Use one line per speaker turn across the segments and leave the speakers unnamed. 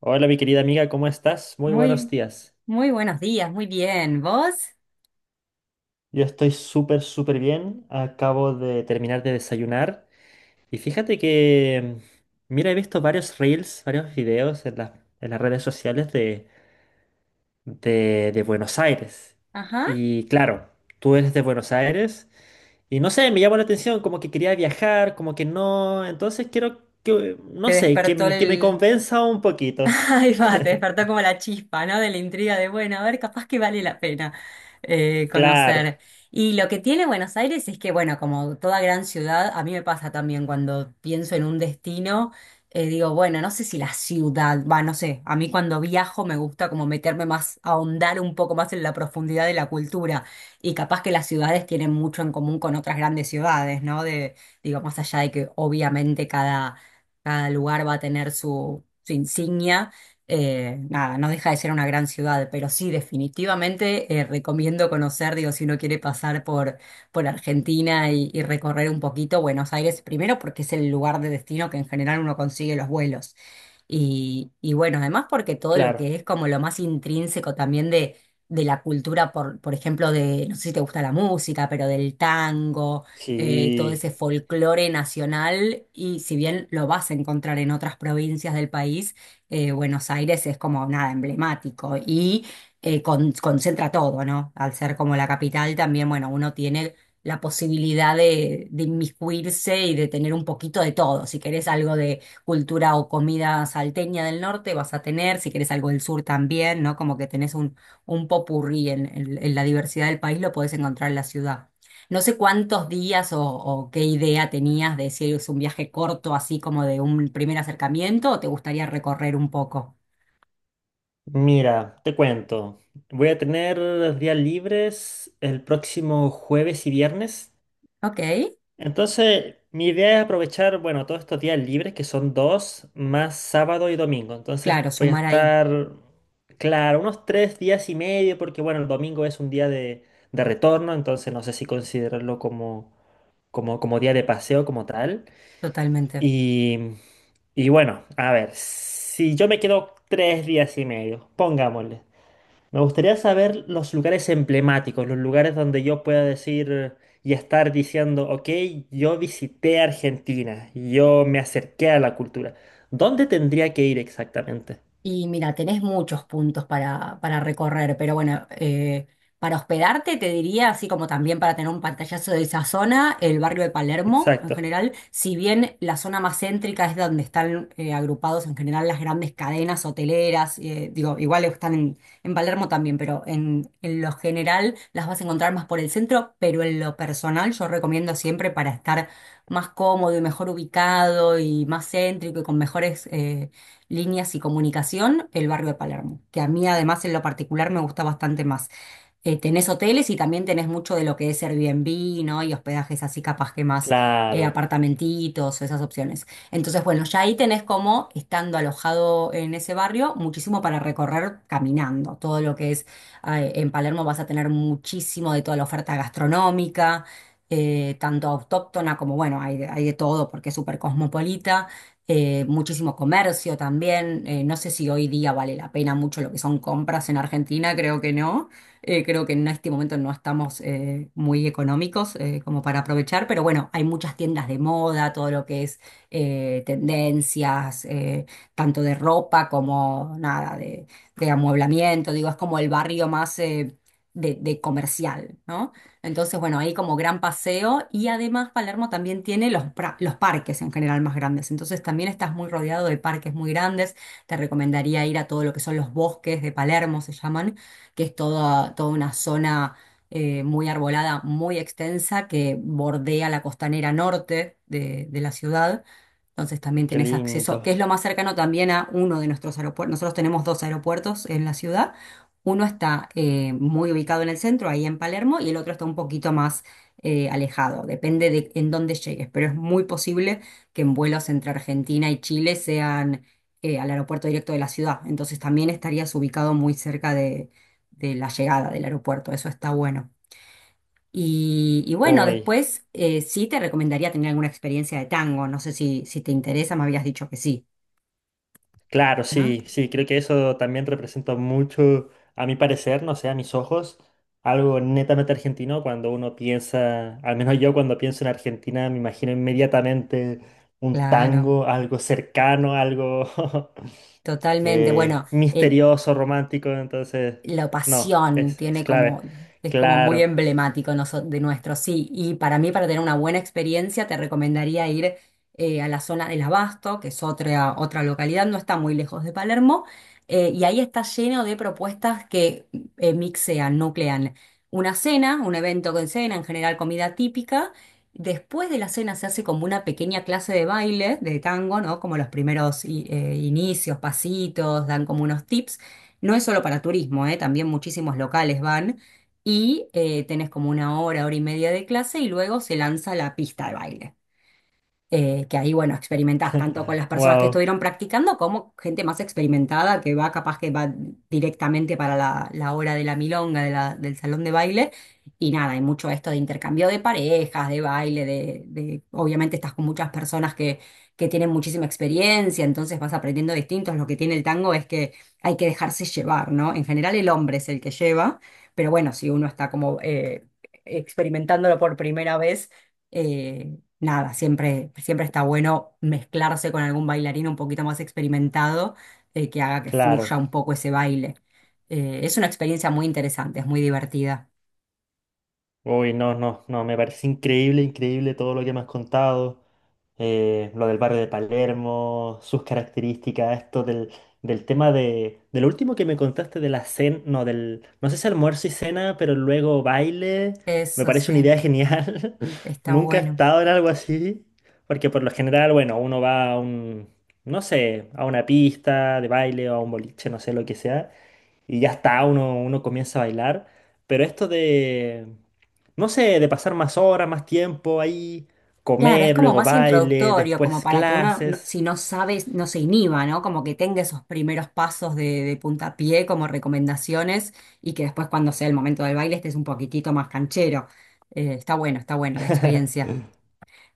Hola, mi querida amiga, ¿cómo estás? Muy buenos
Muy,
días.
muy buenos días, muy bien. ¿Vos?
Yo estoy súper, súper bien. Acabo de terminar de desayunar. Y fíjate que, mira, he visto varios reels, varios videos en las redes sociales de Buenos Aires.
Ajá.
Y claro, tú eres de Buenos Aires. Y no sé, me llamó la atención, como que quería viajar, como que no. Entonces quiero que,
¿Te
no sé,
despertó
que me
el,
convenza un poquito.
Ahí va, te despertó como la chispa, ¿no? De la intriga de, bueno, a ver, capaz que vale la pena
Claro,
conocer. Y lo que tiene Buenos Aires es que, bueno, como toda gran ciudad, a mí me pasa también cuando pienso en un destino, digo, bueno, no sé si la ciudad, va, no sé, a mí cuando viajo me gusta como meterme más, ahondar un poco más en la profundidad de la cultura. Y capaz que las ciudades tienen mucho en común con otras grandes ciudades, ¿no? De, digo, más allá de que obviamente cada, cada lugar va a tener su su insignia, nada, no deja de ser una gran ciudad, pero sí, definitivamente recomiendo conocer, digo, si uno quiere pasar por Argentina y recorrer un poquito Buenos Aires, primero porque es el lugar de destino que en general uno consigue los vuelos. Y bueno, además porque todo lo
claro.
que es como lo más intrínseco también de la cultura, por ejemplo, de, no sé si te gusta la música, pero del tango, todo
Sí.
ese folclore nacional, y si bien lo vas a encontrar en otras provincias del país, Buenos Aires es como nada emblemático y concentra todo, ¿no? Al ser como la capital también, bueno, uno tiene la posibilidad de inmiscuirse y de tener un poquito de todo. Si querés algo de cultura o comida salteña del norte, vas a tener, si querés algo del sur también, ¿no? Como que tenés un popurrí en, en la diversidad del país, lo podés encontrar en la ciudad. No sé cuántos días o qué idea tenías de si es un viaje corto, así como de un primer acercamiento, o te gustaría recorrer un poco.
Mira, te cuento. Voy a tener los días libres el próximo jueves y viernes.
Ok,
Entonces, mi idea es aprovechar, bueno, todos estos días libres, que son dos, más sábado y domingo. Entonces,
claro,
voy a
sumar ahí,
estar, claro, unos tres días y medio, porque, bueno, el domingo es un día de retorno, entonces no sé si considerarlo como día de paseo, como tal.
totalmente.
Y, y bueno, a ver, si yo me quedo tres días y medio, pongámosle. Me gustaría saber los lugares emblemáticos, los lugares donde yo pueda decir y estar diciendo, ok, yo visité Argentina, yo me acerqué a la cultura. ¿Dónde tendría que ir exactamente?
Y mira, tenés muchos puntos para recorrer, pero bueno, para hospedarte te diría, así como también para tener un pantallazo de esa zona, el barrio de Palermo en
Exacto.
general, si bien la zona más céntrica es donde están agrupados en general las grandes cadenas hoteleras, digo, igual están en Palermo también, pero en lo general las vas a encontrar más por el centro, pero en lo personal yo recomiendo siempre para estar más cómodo y mejor ubicado y más céntrico y con mejores líneas y comunicación, el barrio de Palermo, que a mí además en lo particular me gusta bastante más tenés hoteles y también tenés mucho de lo que es Airbnb, ¿no? Y hospedajes así capaz que más
Claro,
apartamentitos, esas opciones. Entonces, bueno, ya ahí tenés como, estando alojado en ese barrio, muchísimo para recorrer caminando. Todo lo que es, en Palermo vas a tener muchísimo de toda la oferta gastronómica. Tanto autóctona como, bueno, hay de todo porque es súper cosmopolita, muchísimo comercio también, no sé si hoy día vale la pena mucho lo que son compras en Argentina, creo que no, creo que en este momento no estamos muy económicos como para aprovechar, pero bueno, hay muchas tiendas de moda, todo lo que es tendencias, tanto de ropa como nada, de amueblamiento, digo, es como el barrio más de comercial, ¿no? Entonces, bueno, ahí como gran paseo y además Palermo también tiene los, los parques en general más grandes, entonces también estás muy rodeado de parques muy grandes, te recomendaría ir a todo lo que son los bosques de Palermo, se llaman que es toda, toda una zona muy arbolada, muy extensa, que bordea la costanera norte de la ciudad. Entonces también
qué
tenés acceso, que
lindo.
es lo más cercano también a uno de nuestros aeropuertos. Nosotros tenemos dos aeropuertos en la ciudad. Uno está muy ubicado en el centro, ahí en Palermo, y el otro está un poquito más alejado. Depende de en dónde llegues, pero es muy posible que en vuelos entre Argentina y Chile sean al aeropuerto directo de la ciudad. Entonces también estarías ubicado muy cerca de la llegada del aeropuerto, eso está bueno. Y bueno,
Uy.
después sí te recomendaría tener alguna experiencia de tango, no sé si, si te interesa, me habías dicho que sí,
Claro,
¿no?
sí, sí, creo que eso también representa mucho, a mi parecer, no sé, a mis ojos, algo netamente argentino cuando uno piensa, al menos yo cuando pienso en Argentina me imagino inmediatamente un
Claro,
tango, algo cercano, algo
totalmente. Bueno, eh,
misterioso, romántico, entonces,
la
no,
pasión
es
tiene
clave,
como, es como muy
claro,
emblemático de nuestro, sí. Y para mí, para tener una buena experiencia, te recomendaría ir a la zona del Abasto, que es otra, otra localidad, no está muy lejos de Palermo, y ahí está lleno de propuestas que mixean, nuclean una cena, un evento con cena, en general comida típica. Después de la cena se hace como una pequeña clase de baile, de tango, ¿no? Como los primeros inicios, pasitos, dan como unos tips. No es solo para turismo, ¿eh? También muchísimos locales van y tenés como una hora, hora y media de clase y luego se lanza la pista de baile que ahí, bueno, experimentás tanto con las personas que
wow,
estuvieron practicando como gente más experimentada que va capaz que va directamente para la, la hora de la milonga, del salón de baile. Y nada, hay mucho esto de intercambio de parejas, de baile, obviamente estás con muchas personas que tienen muchísima experiencia, entonces vas aprendiendo distintos. Lo que tiene el tango es que hay que dejarse llevar, ¿no? En general el hombre es el que lleva, pero bueno, si uno está como experimentándolo por primera vez, eh, nada, siempre, siempre está bueno mezclarse con algún bailarín un poquito más experimentado que haga que fluya
claro.
un poco ese baile. Es una experiencia muy interesante, es muy divertida.
Uy, no, no, no, me parece increíble, increíble todo lo que me has contado. Lo del barrio de Palermo, sus características, esto del tema del último que me contaste de la cena, no, del, no sé si almuerzo y cena, pero luego baile, me
Eso
parece una
sí,
idea genial.
está
Nunca he
bueno.
estado en algo así, porque por lo general, bueno, uno va a no sé, a una pista de baile o a un boliche, no sé, lo que sea y ya está, uno comienza a bailar. Pero esto de, no sé, de pasar más horas, más tiempo ahí,
Claro, es
comer,
como
luego
más
baile,
introductorio, como
después
para que uno,
clases.
si no sabe, no se inhiba, ¿no? Como que tenga esos primeros pasos de puntapié como recomendaciones y que después cuando sea el momento del baile estés un poquitito más canchero. Está bueno, está bueno la experiencia.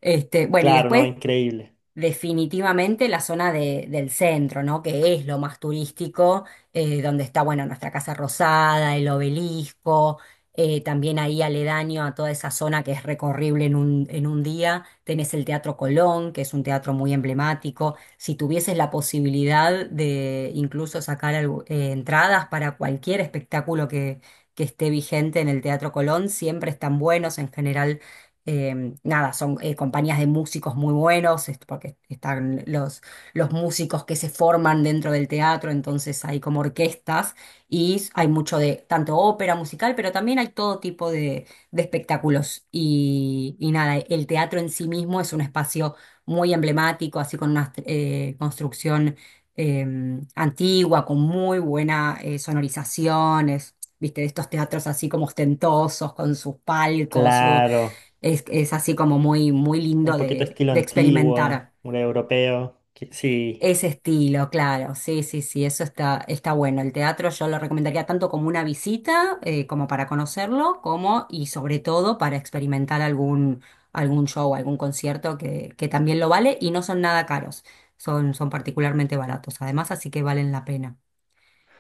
Este, bueno, y
Claro, ¿no?
después
Increíble.
definitivamente la zona del centro, ¿no? Que es lo más turístico, donde está, bueno, nuestra Casa Rosada, el obelisco, también ahí aledaño a toda esa zona que es recorrible en un día. Tenés el Teatro Colón, que es un teatro muy emblemático. Si tuvieses la posibilidad de incluso sacar entradas para cualquier espectáculo que esté vigente en el Teatro Colón, siempre están buenos en general nada, son compañías de músicos muy buenos, porque están los músicos que se forman dentro del teatro, entonces hay como orquestas y hay mucho de tanto ópera musical, pero también hay todo tipo de espectáculos. Y nada, el teatro en sí mismo es un espacio muy emblemático, así con una construcción eh, antigua, con muy buena sonorización, es, viste, de estos teatros así como ostentosos, con sus palcos.
Claro,
Es así como muy, muy
un
lindo
poquito estilo
de
antiguo,
experimentar
un europeo. Que- sí,
ese estilo, claro. Sí, sí, sí, eso está, está bueno. El teatro yo lo recomendaría tanto como una visita, como para conocerlo, como y sobre todo para experimentar algún, algún show, algún concierto que también lo vale y no son nada caros. Son, son particularmente baratos, además, así que valen la pena.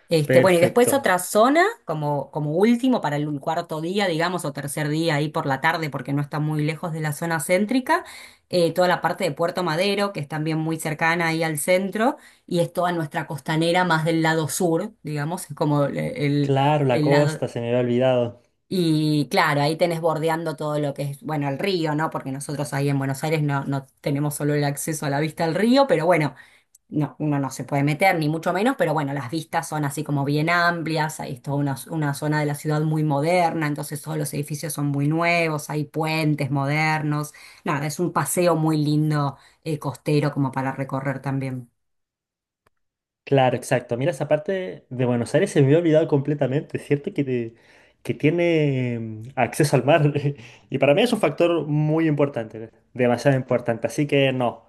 Este, bueno, y después
perfecto.
otra zona, como, como último para el cuarto día, digamos, o tercer día ahí por la tarde, porque no está muy lejos de la zona céntrica, toda la parte de Puerto Madero, que es también muy cercana ahí al centro, y es toda nuestra costanera más del lado sur, digamos, es como el,
Claro, la
el lado.
costa, se me había olvidado.
Y claro, ahí tenés bordeando todo lo que es, bueno, el río, ¿no? Porque nosotros ahí en Buenos Aires no, no tenemos solo el acceso a la vista al río, pero bueno. No, uno no se puede meter, ni mucho menos, pero bueno, las vistas son así como bien amplias, hay toda una zona de la ciudad muy moderna, entonces todos los edificios son muy nuevos, hay puentes modernos, nada, es un paseo muy lindo costero como para recorrer también.
Claro, exacto. Mira, esa parte de Buenos Aires se me había olvidado completamente. Es cierto que, te- que tiene acceso al mar. Y para mí es un factor muy importante, demasiado importante. Así que no,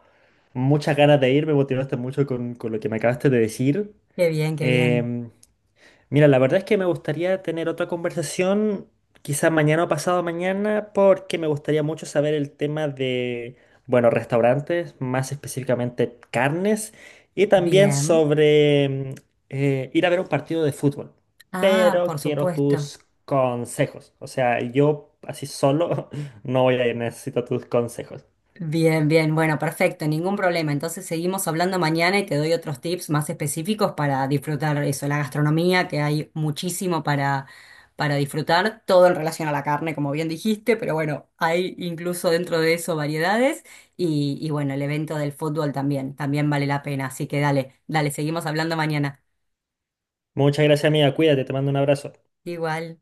muchas ganas de ir, me motivaste mucho con lo que me acabaste de decir.
Qué bien, qué bien.
Em, Mira, la verdad es que me gustaría tener otra conversación, quizá mañana o pasado mañana, porque me gustaría mucho saber el tema de, bueno, restaurantes, más específicamente carnes, y también
Bien.
sobre ir a ver un partido de fútbol.
Ah, por
Pero quiero
supuesto.
tus consejos. O sea, yo así solo no voy a ir, necesito tus consejos.
Bien, bien, bueno, perfecto, ningún problema. Entonces seguimos hablando mañana y te doy otros tips más específicos para disfrutar eso, la gastronomía, que hay muchísimo para disfrutar, todo en relación a la carne, como bien dijiste, pero bueno, hay incluso dentro de eso variedades y bueno, el evento del fútbol también, también vale la pena. Así que dale, dale, seguimos hablando mañana.
Muchas gracias, amiga. Cuídate, te mando un abrazo.
Igual.